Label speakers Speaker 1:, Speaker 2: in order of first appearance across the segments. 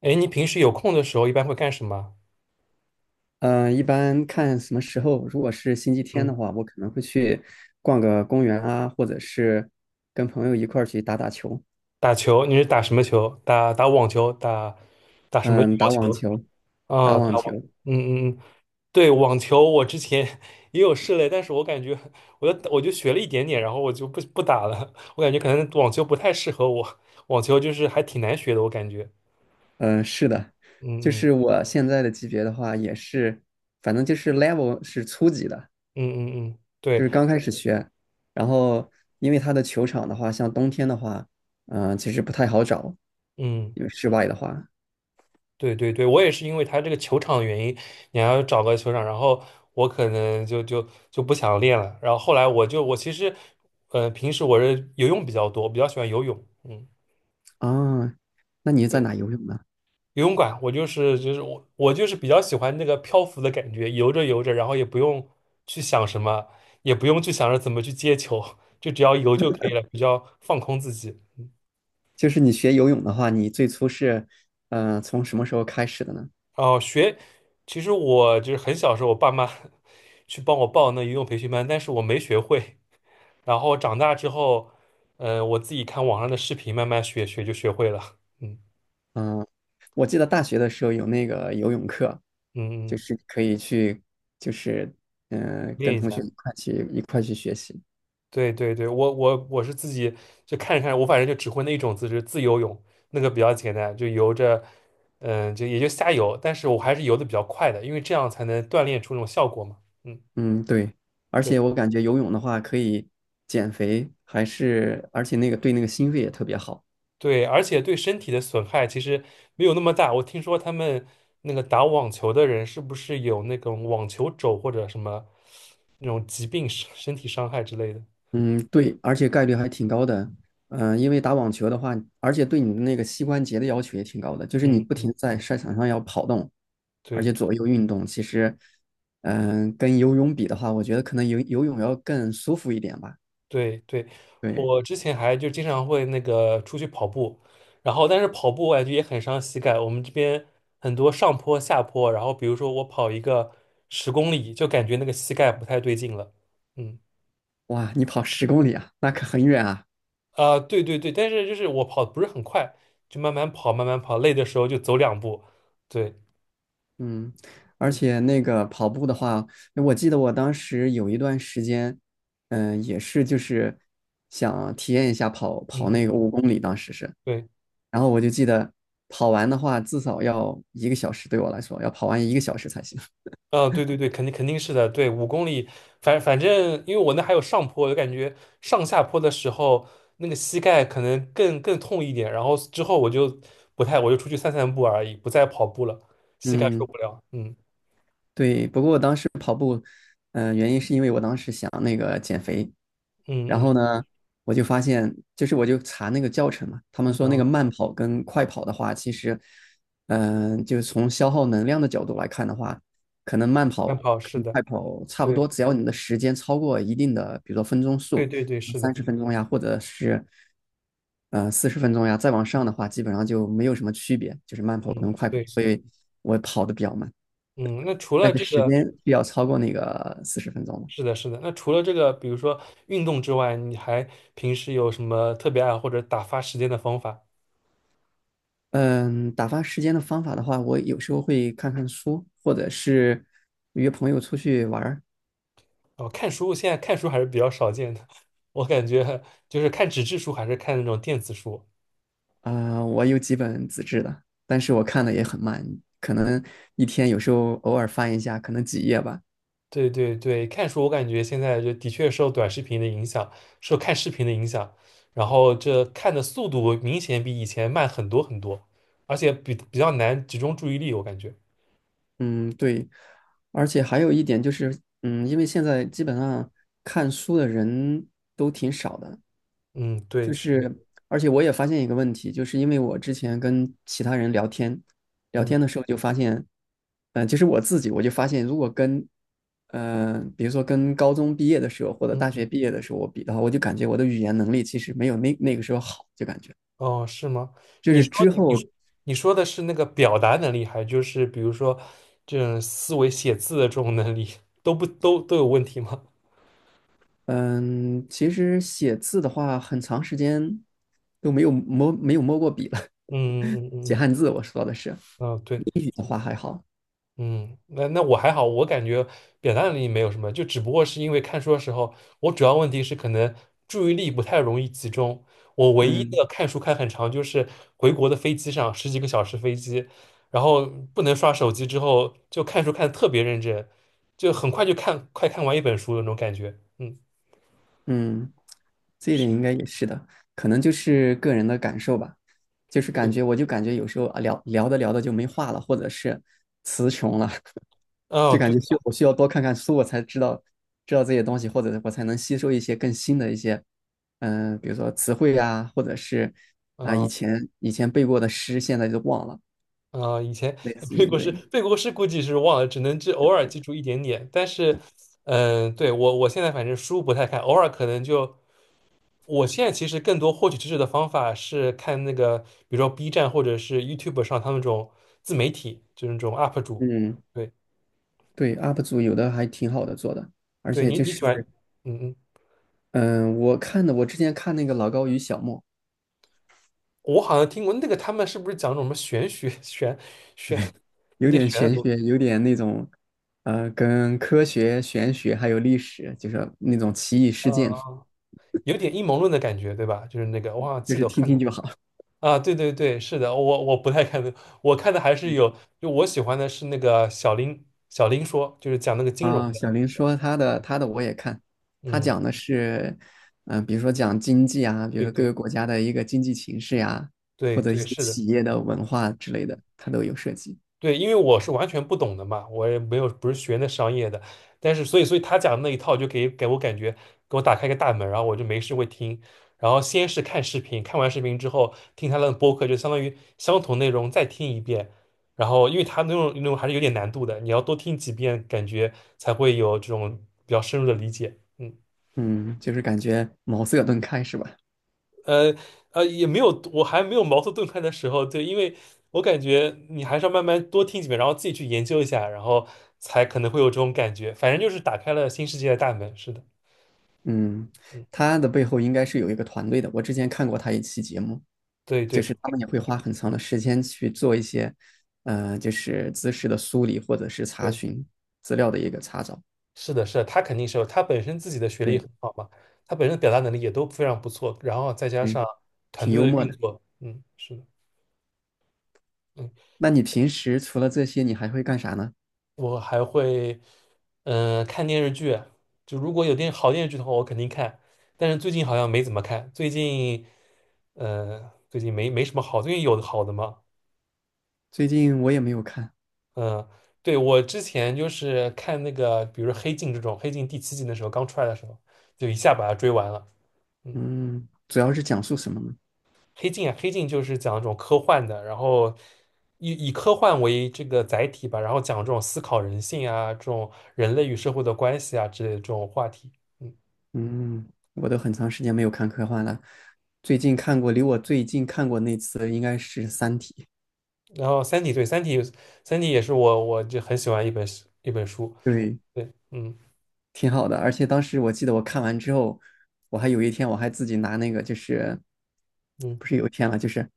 Speaker 1: 哎，你平时有空的时候一般会干什么？
Speaker 2: 嗯，一般看什么时候，如果是星期天
Speaker 1: 嗯，
Speaker 2: 的话，我可能会去逛个公园啊，或者是跟朋友一块儿去打打球，
Speaker 1: 打球，你是打什么球？打网球，打什么羽
Speaker 2: 嗯，
Speaker 1: 毛
Speaker 2: 打网
Speaker 1: 球？
Speaker 2: 球，打
Speaker 1: 啊，
Speaker 2: 网球，
Speaker 1: 嗯嗯嗯，对，网球我之前 也有试了，但是我感觉我就学了一点点，然后我就不打了。我感觉可能网球不太适合我，网球就是还挺难学的，我感觉。
Speaker 2: 嗯，是的，就
Speaker 1: 嗯嗯
Speaker 2: 是我现在的级别的话，也是，反正就是 level 是初级的，
Speaker 1: 嗯嗯嗯，
Speaker 2: 就
Speaker 1: 对，
Speaker 2: 是刚开始学，然后因为它的球场的话，像冬天的话，嗯，其实不太好找，
Speaker 1: 嗯。
Speaker 2: 因为室外的话，
Speaker 1: 对对对，我也是因为他这个球场的原因，你还要找个球场，然后我可能就不想练了。然后后来我其实，平时我是游泳比较多，我比较喜欢游泳，嗯，
Speaker 2: 啊，那你在
Speaker 1: 对，
Speaker 2: 哪游泳呢？
Speaker 1: 游泳馆我就是比较喜欢那个漂浮的感觉，游着游着，然后也不用去想什么，也不用去想着怎么去接球，就只要游就可以了，比较放空自己。
Speaker 2: 就是你学游泳的话，你最初是，从什么时候开始的呢？
Speaker 1: 哦，其实我就是很小时候，我爸妈 去帮我报那游泳培训班，但是我没学会，然后长大之后，嗯、我自己看网上的视频，慢慢学学就学会了。嗯
Speaker 2: 嗯、我记得大学的时候有那个游泳课，
Speaker 1: 嗯，
Speaker 2: 就
Speaker 1: 嗯，
Speaker 2: 是可以去，就是，嗯、
Speaker 1: 练
Speaker 2: 跟
Speaker 1: 一
Speaker 2: 同
Speaker 1: 下。
Speaker 2: 学一块去学习。
Speaker 1: 对对对，我是自己就看着看我反正就只会那一种姿势，自由泳，那个比较简单，就游着，嗯、也就瞎游，但是我还是游的比较快的，因为这样才能锻炼出那种效果嘛。嗯，
Speaker 2: 嗯，对，而
Speaker 1: 对。
Speaker 2: 且我感觉游泳的话可以减肥，还是而且那个对那个心肺也特别好。
Speaker 1: 对，而且对身体的损害其实没有那么大。我听说他们那个打网球的人是不是有那种网球肘或者什么那种疾病、身体伤害之类的？
Speaker 2: 嗯，对，而且概率还挺高的。嗯、因为打网球的话，而且对你的那个膝关节的要求也挺高的，就是你
Speaker 1: 嗯
Speaker 2: 不停
Speaker 1: 嗯，
Speaker 2: 地在赛场上要跑动，而
Speaker 1: 对
Speaker 2: 且左右运动。其实，嗯、跟游泳比的话，我觉得可能游泳要更舒服一点吧。
Speaker 1: 对对，
Speaker 2: 对，
Speaker 1: 我之前还就经常会那个出去跑步，然后但是跑步我感觉也很伤膝盖。我们这边很多上坡下坡，然后比如说我跑一个10公里，就感觉那个膝盖不太对劲了。嗯。
Speaker 2: 哇，你跑10公里啊，那可很远啊。
Speaker 1: 啊、对对对，但是就是我跑得不是很快，就慢慢跑，慢慢跑，累的时候就走两步。对，
Speaker 2: 嗯，而
Speaker 1: 嗯
Speaker 2: 且那个跑步的话，我记得我当时有一段时间，嗯、也是就是想体验一下跑
Speaker 1: 嗯
Speaker 2: 跑那
Speaker 1: 嗯，
Speaker 2: 个5公里，当时是，
Speaker 1: 对，
Speaker 2: 然后我就记得跑完的话，至少要一个小时，对我来说要跑完一个小时才行。
Speaker 1: 啊、对对对，肯定肯定是的。对，5公里，反正因为我那还有上坡，我就感觉上下坡的时候那个膝盖可能更痛一点，然后之后我就不太，我就出去散散步而已，不再跑步了，膝盖受
Speaker 2: 嗯，
Speaker 1: 不了。嗯
Speaker 2: 对，不过我当时。跑。嗯、原因是因为我当时想那个减肥，然
Speaker 1: 嗯
Speaker 2: 后
Speaker 1: 嗯，
Speaker 2: 呢，我就发现，就是我就查那个教程嘛，他们
Speaker 1: 然
Speaker 2: 说那
Speaker 1: 后
Speaker 2: 个慢跑跟快跑的话，其实，嗯、就是从消耗能量的角度来看的话，可能慢
Speaker 1: 慢
Speaker 2: 跑
Speaker 1: 跑是
Speaker 2: 跟快
Speaker 1: 的，
Speaker 2: 跑差不多，
Speaker 1: 对
Speaker 2: 只要你的时间超过一定的，比如说分钟
Speaker 1: 对
Speaker 2: 数，
Speaker 1: 对对，是
Speaker 2: 三
Speaker 1: 的，
Speaker 2: 十分钟呀，或者是四十分钟呀，再往上的
Speaker 1: 嗯
Speaker 2: 话，基本上就没有什么区别，就是慢跑
Speaker 1: 嗯
Speaker 2: 跟快跑，
Speaker 1: 对，
Speaker 2: 所以我跑的比较慢，
Speaker 1: 嗯，那除
Speaker 2: 但
Speaker 1: 了
Speaker 2: 是
Speaker 1: 这
Speaker 2: 时
Speaker 1: 个。
Speaker 2: 间是要超过那个四十分钟的。
Speaker 1: 是的，是的。那除了这个，比如说运动之外，你还平时有什么特别爱或者打发时间的方法？
Speaker 2: 嗯，打发时间的方法的话，我有时候会看看书，或者是约朋友出去玩儿。
Speaker 1: 哦，看书，现在看书还是比较少见的。我感觉就是看纸质书，还是看那种电子书。
Speaker 2: 啊、我有几本纸质的，但是我看的也很慢，可能一天有时候偶尔翻一下，可能几页吧。
Speaker 1: 对对对，看书我感觉现在就的确受短视频的影响，受看视频的影响，然后这看的速度明显比以前慢很多很多，而且比较难集中注意力，我感觉。
Speaker 2: 嗯，对。而且还有一点就是，嗯，因为现在基本上看书的人都挺少的，
Speaker 1: 嗯，对，
Speaker 2: 就
Speaker 1: 是的，
Speaker 2: 是，而且我也发现一个问题，就是因为我之前跟其他人聊天，聊天的
Speaker 1: 嗯
Speaker 2: 时候就发现，嗯、其实我自己我就发现，如果跟，比如说跟高中毕业的时候或者
Speaker 1: 嗯。
Speaker 2: 大
Speaker 1: 嗯。
Speaker 2: 学毕业的时候我比的话，我就感觉我的语言能力其实没有那个时候好，就感觉
Speaker 1: 哦，是吗？
Speaker 2: 就
Speaker 1: 你
Speaker 2: 是
Speaker 1: 说
Speaker 2: 之后，
Speaker 1: 你你说的是那个表达能力，还就是比如说这种思维写字的这种能力，都不都都有问题吗？
Speaker 2: 嗯、其实写字的话，很长时间都没有摸过笔了，
Speaker 1: 嗯嗯嗯
Speaker 2: 写
Speaker 1: 嗯，
Speaker 2: 汉字我说的是，
Speaker 1: 嗯哦，对。
Speaker 2: 英语的话还好，
Speaker 1: 嗯，那我还好，我感觉表达能力没有什么，就只不过是因为看书的时候，我主要问题是可能注意力不太容易集中。我唯一
Speaker 2: 嗯。
Speaker 1: 的看书看很长，就是回国的飞机上十几个小时飞机，然后不能刷手机之后，就看书看的特别认真，就很快快看完一本书的那种感觉。嗯，
Speaker 2: 嗯，这一点
Speaker 1: 是，
Speaker 2: 应该也是的，可能就是个人的感受吧，就是感
Speaker 1: 对，
Speaker 2: 觉我就感觉有时候啊聊聊着聊着就没话了，或者是词穷了，
Speaker 1: 哦，
Speaker 2: 就感
Speaker 1: 对，
Speaker 2: 觉我需要多看看书，我才知道这些东西，或者我才能吸收一些更新的一些，嗯、比如说词汇啊，或者是啊以
Speaker 1: 哦
Speaker 2: 前以前背过的诗，现在就忘了，
Speaker 1: 啊、以前
Speaker 2: 类 似
Speaker 1: 背
Speaker 2: 于
Speaker 1: 过诗，
Speaker 2: 对，
Speaker 1: 背过诗估计是忘了，只偶尔记住一点点。但是，嗯、对，我现在反正书不太看，偶尔可能就我现在其实更多获取知识的方法是看那个，比如说 B 站或者是 YouTube 上他们这种自媒体，就是那种 UP 主。
Speaker 2: 嗯，
Speaker 1: 对，
Speaker 2: 对，UP 主有的还挺好的做的，而
Speaker 1: 对
Speaker 2: 且
Speaker 1: 你
Speaker 2: 就
Speaker 1: 你喜
Speaker 2: 是
Speaker 1: 欢，嗯嗯，
Speaker 2: 嗯、我之前看那个老高与小莫。
Speaker 1: 我好像听过那个他们是不是讲那种什么玄学玄
Speaker 2: 有
Speaker 1: 有点
Speaker 2: 点
Speaker 1: 玄的
Speaker 2: 玄
Speaker 1: 东西，
Speaker 2: 学，有点那种，跟科学、玄学还有历史，就是那种奇异事
Speaker 1: 嗯、
Speaker 2: 件，
Speaker 1: 有点阴谋论的感觉，对吧？就是那个我好像
Speaker 2: 就
Speaker 1: 记
Speaker 2: 是
Speaker 1: 得我
Speaker 2: 听
Speaker 1: 看
Speaker 2: 听
Speaker 1: 过。
Speaker 2: 就好
Speaker 1: 啊，对对对，是的，我不太看的，我看的还是有，就我喜欢的是那个小林说，就是讲那个金融
Speaker 2: 啊。
Speaker 1: 的，
Speaker 2: 小林说他的，他的我也看，他
Speaker 1: 嗯，
Speaker 2: 讲的是，嗯、比如说讲经济啊，比如
Speaker 1: 对
Speaker 2: 说各
Speaker 1: 对
Speaker 2: 个国家的一个经济形势呀、或
Speaker 1: 对
Speaker 2: 者一
Speaker 1: 对，
Speaker 2: 些
Speaker 1: 是的。
Speaker 2: 企业的文化之类的，他都有涉及。
Speaker 1: 对，因为我是完全不懂的嘛，我也没有不是学那商业的，但是所以他讲的那一套就给我感觉给我打开一个大门，然后我就没事会听，然后先是看视频，看完视频之后听他的播客，就相当于相同内容再听一遍，然后因为他那种还是有点难度的，你要多听几遍，感觉才会有这种比较深入的理解。嗯。
Speaker 2: 嗯，就是感觉茅塞顿开是吧？
Speaker 1: 呃也没有，我还没有茅塞顿开的时候，对，因为我感觉你还是要慢慢多听几遍，然后自己去研究一下，然后才可能会有这种感觉。反正就是打开了新世界的大门，是的，
Speaker 2: 嗯，
Speaker 1: 嗯，
Speaker 2: 他的背后应该是有一个团队的，我之前看过他一期节目。
Speaker 1: 对
Speaker 2: 就
Speaker 1: 对
Speaker 2: 是他们也会花很长的时间去做一些，就是知识的梳理或者是查
Speaker 1: 对，
Speaker 2: 询资料的一个查找。
Speaker 1: 是的，是的，他肯定是有，他本身自己的学历也
Speaker 2: 对，
Speaker 1: 很好嘛，他本身表达能力也都非常不错，然后再加
Speaker 2: 对，
Speaker 1: 上团
Speaker 2: 挺
Speaker 1: 队
Speaker 2: 幽
Speaker 1: 的
Speaker 2: 默
Speaker 1: 运
Speaker 2: 的。
Speaker 1: 作，嗯，是的。嗯。
Speaker 2: 那你平时除了这些，你还会干啥呢？
Speaker 1: 我还会，嗯、看电视剧。就如果有好电视剧的话，我肯定看。但是最近好像没怎么看。最近，嗯、最近没什么好。最近有好的吗？
Speaker 2: 最近我也没有看，
Speaker 1: 嗯、对，我之前就是看那个，比如说《黑镜》这种，《黑镜》第七季的时候刚出来的时候，就一下把它追完了。嗯，
Speaker 2: 嗯，主要是讲述什么呢？
Speaker 1: 《黑镜》啊，《黑镜》就是讲这种科幻的，然后以科幻为这个载体吧，然后讲这种思考人性啊，这种人类与社会的关系啊之类的这种话题。嗯
Speaker 2: 嗯，我都很长时间没有看科幻了。最近看过，离我最近看过那次应该是《三体》。
Speaker 1: 然后《三体》对，《三体》也是我就很喜欢一本书。
Speaker 2: 对，
Speaker 1: 对，嗯
Speaker 2: 挺好的。而且当时我记得我看完之后，我还有一天我还自己拿那个就是
Speaker 1: 嗯，
Speaker 2: 不是有一天了，就是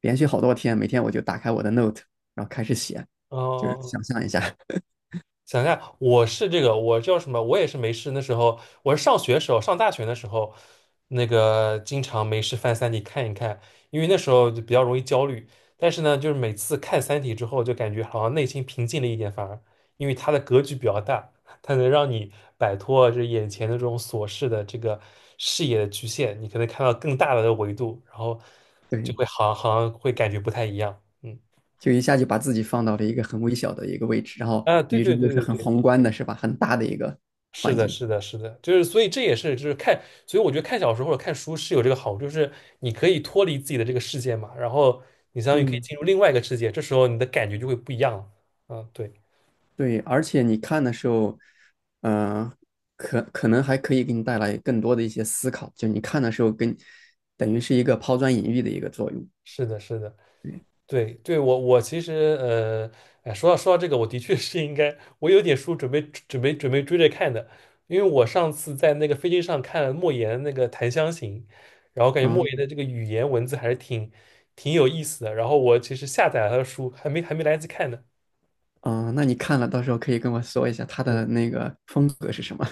Speaker 2: 连续好多天，每天我就打开我的 Note，然后开始写，
Speaker 1: 哦。哦
Speaker 2: 就是想
Speaker 1: 哦
Speaker 2: 象一下，
Speaker 1: 想一下，我是这个，我叫什么？我也是没事。那时候我是上学时候，上大学的时候，那个经常没事翻《三体》看一看，因为那时候就比较容易焦虑。但是呢，就是每次看《三体》之后，就感觉好像内心平静了一点，反而因为它的格局比较大，它能让你摆脱这眼前的这种琐事的这个视野的局限，你可能看到更大的维度，然后就
Speaker 2: 对，
Speaker 1: 会好像会感觉不太一样。嗯，
Speaker 2: 就一下就把自己放到了一个很微小的一个位置，然后
Speaker 1: 啊，对
Speaker 2: 于是
Speaker 1: 对
Speaker 2: 又
Speaker 1: 对
Speaker 2: 是
Speaker 1: 对
Speaker 2: 很
Speaker 1: 对。
Speaker 2: 宏观的，是吧？很大的一个
Speaker 1: 是
Speaker 2: 环
Speaker 1: 的，
Speaker 2: 境。
Speaker 1: 是的，是的，就是所以这也是就是看，所以我觉得看小说或者看书是有这个好处，就是你可以脱离自己的这个世界嘛，然后你相当于可以
Speaker 2: 嗯，
Speaker 1: 进入另外一个世界，这时候你的感觉就会不一样了。嗯，对，
Speaker 2: 对，而且你看的时候，嗯、可能还可以给你带来更多的一些思考，就你看的时候跟等于是一个抛砖引玉的一个作用。
Speaker 1: 是的，是的。对对，我其实呃，哎，说到这个，我的确是应该，我有点书准备准备追着看的，因为我上次在那个飞机上看了莫言那个《檀香刑》，然后感觉莫言
Speaker 2: 嗯，
Speaker 1: 的这个语言文字还是挺有意思的，然后我其实下载了他的书，还没来得及看呢。
Speaker 2: 嗯，那你看了，到时候可以跟我说一下他
Speaker 1: 对
Speaker 2: 的那个风格是什么？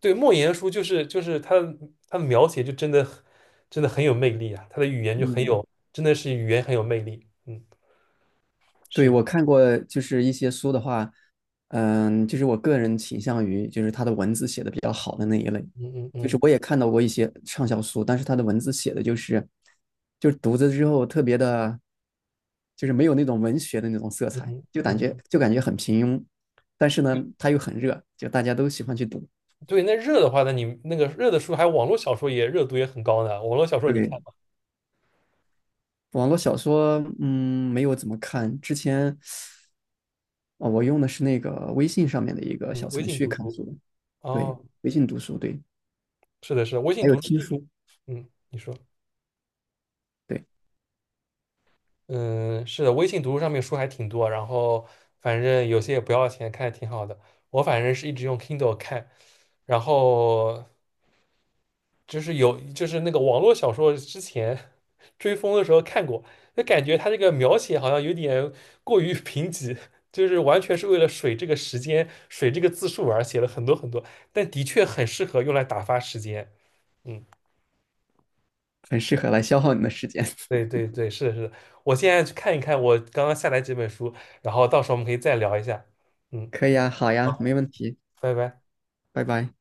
Speaker 1: 对，莫言的书就是他的描写就真的很有魅力啊，他的语言就很
Speaker 2: 嗯，
Speaker 1: 有，真的是语言很有魅力。嗯，
Speaker 2: 对，
Speaker 1: 是的
Speaker 2: 我看过，就是一些书的话，嗯，就是我个人倾向于就是他的文字写的比较好的那一类，
Speaker 1: 嗯嗯
Speaker 2: 就是
Speaker 1: 嗯
Speaker 2: 我也看到过一些畅销书，但是他的文字写的就是，就是读着之后特别的，就是没有那种文学的那种色
Speaker 1: 嗯
Speaker 2: 彩，
Speaker 1: 嗯。
Speaker 2: 就感觉
Speaker 1: 嗯
Speaker 2: 就感觉很平庸，但是呢，他又很热，就大家都喜欢去读。
Speaker 1: 对，那热的话，那你那个热的书，还有网络小说也热度也很高呢。网络小说你看
Speaker 2: 对，
Speaker 1: 吗？
Speaker 2: 网络小说，嗯，没有怎么看。之前哦，我用的是那个微信上面的一个
Speaker 1: 嗯，
Speaker 2: 小
Speaker 1: 微
Speaker 2: 程
Speaker 1: 信
Speaker 2: 序
Speaker 1: 读
Speaker 2: 看
Speaker 1: 书。
Speaker 2: 书的，对，
Speaker 1: 哦，
Speaker 2: 微信读书，对，
Speaker 1: 是的，是的，微信
Speaker 2: 还有
Speaker 1: 读书。
Speaker 2: 听书，
Speaker 1: 嗯，你说，
Speaker 2: 对，
Speaker 1: 嗯，是的，微信读书上面书还挺多，然后反正有些也不要钱，看着挺好的。我反正是一直用 Kindle 看，然后就是有就是那个网络小说之前 追风的时候看过，就感觉它这个描写好像有点过于 贫瘠，就是完全是为了水这个时间、水这个字数而写了很多很多，但的确很适合用来打发时间。嗯，
Speaker 2: 很适合来消耗你的时间。
Speaker 1: 对 对对，是的，是的，我现在去看一看我刚刚下载几本书，然后到时候我们可以再聊一下。嗯，
Speaker 2: 可以啊，好呀，没
Speaker 1: 好，
Speaker 2: 问题，
Speaker 1: 拜拜。
Speaker 2: 拜拜。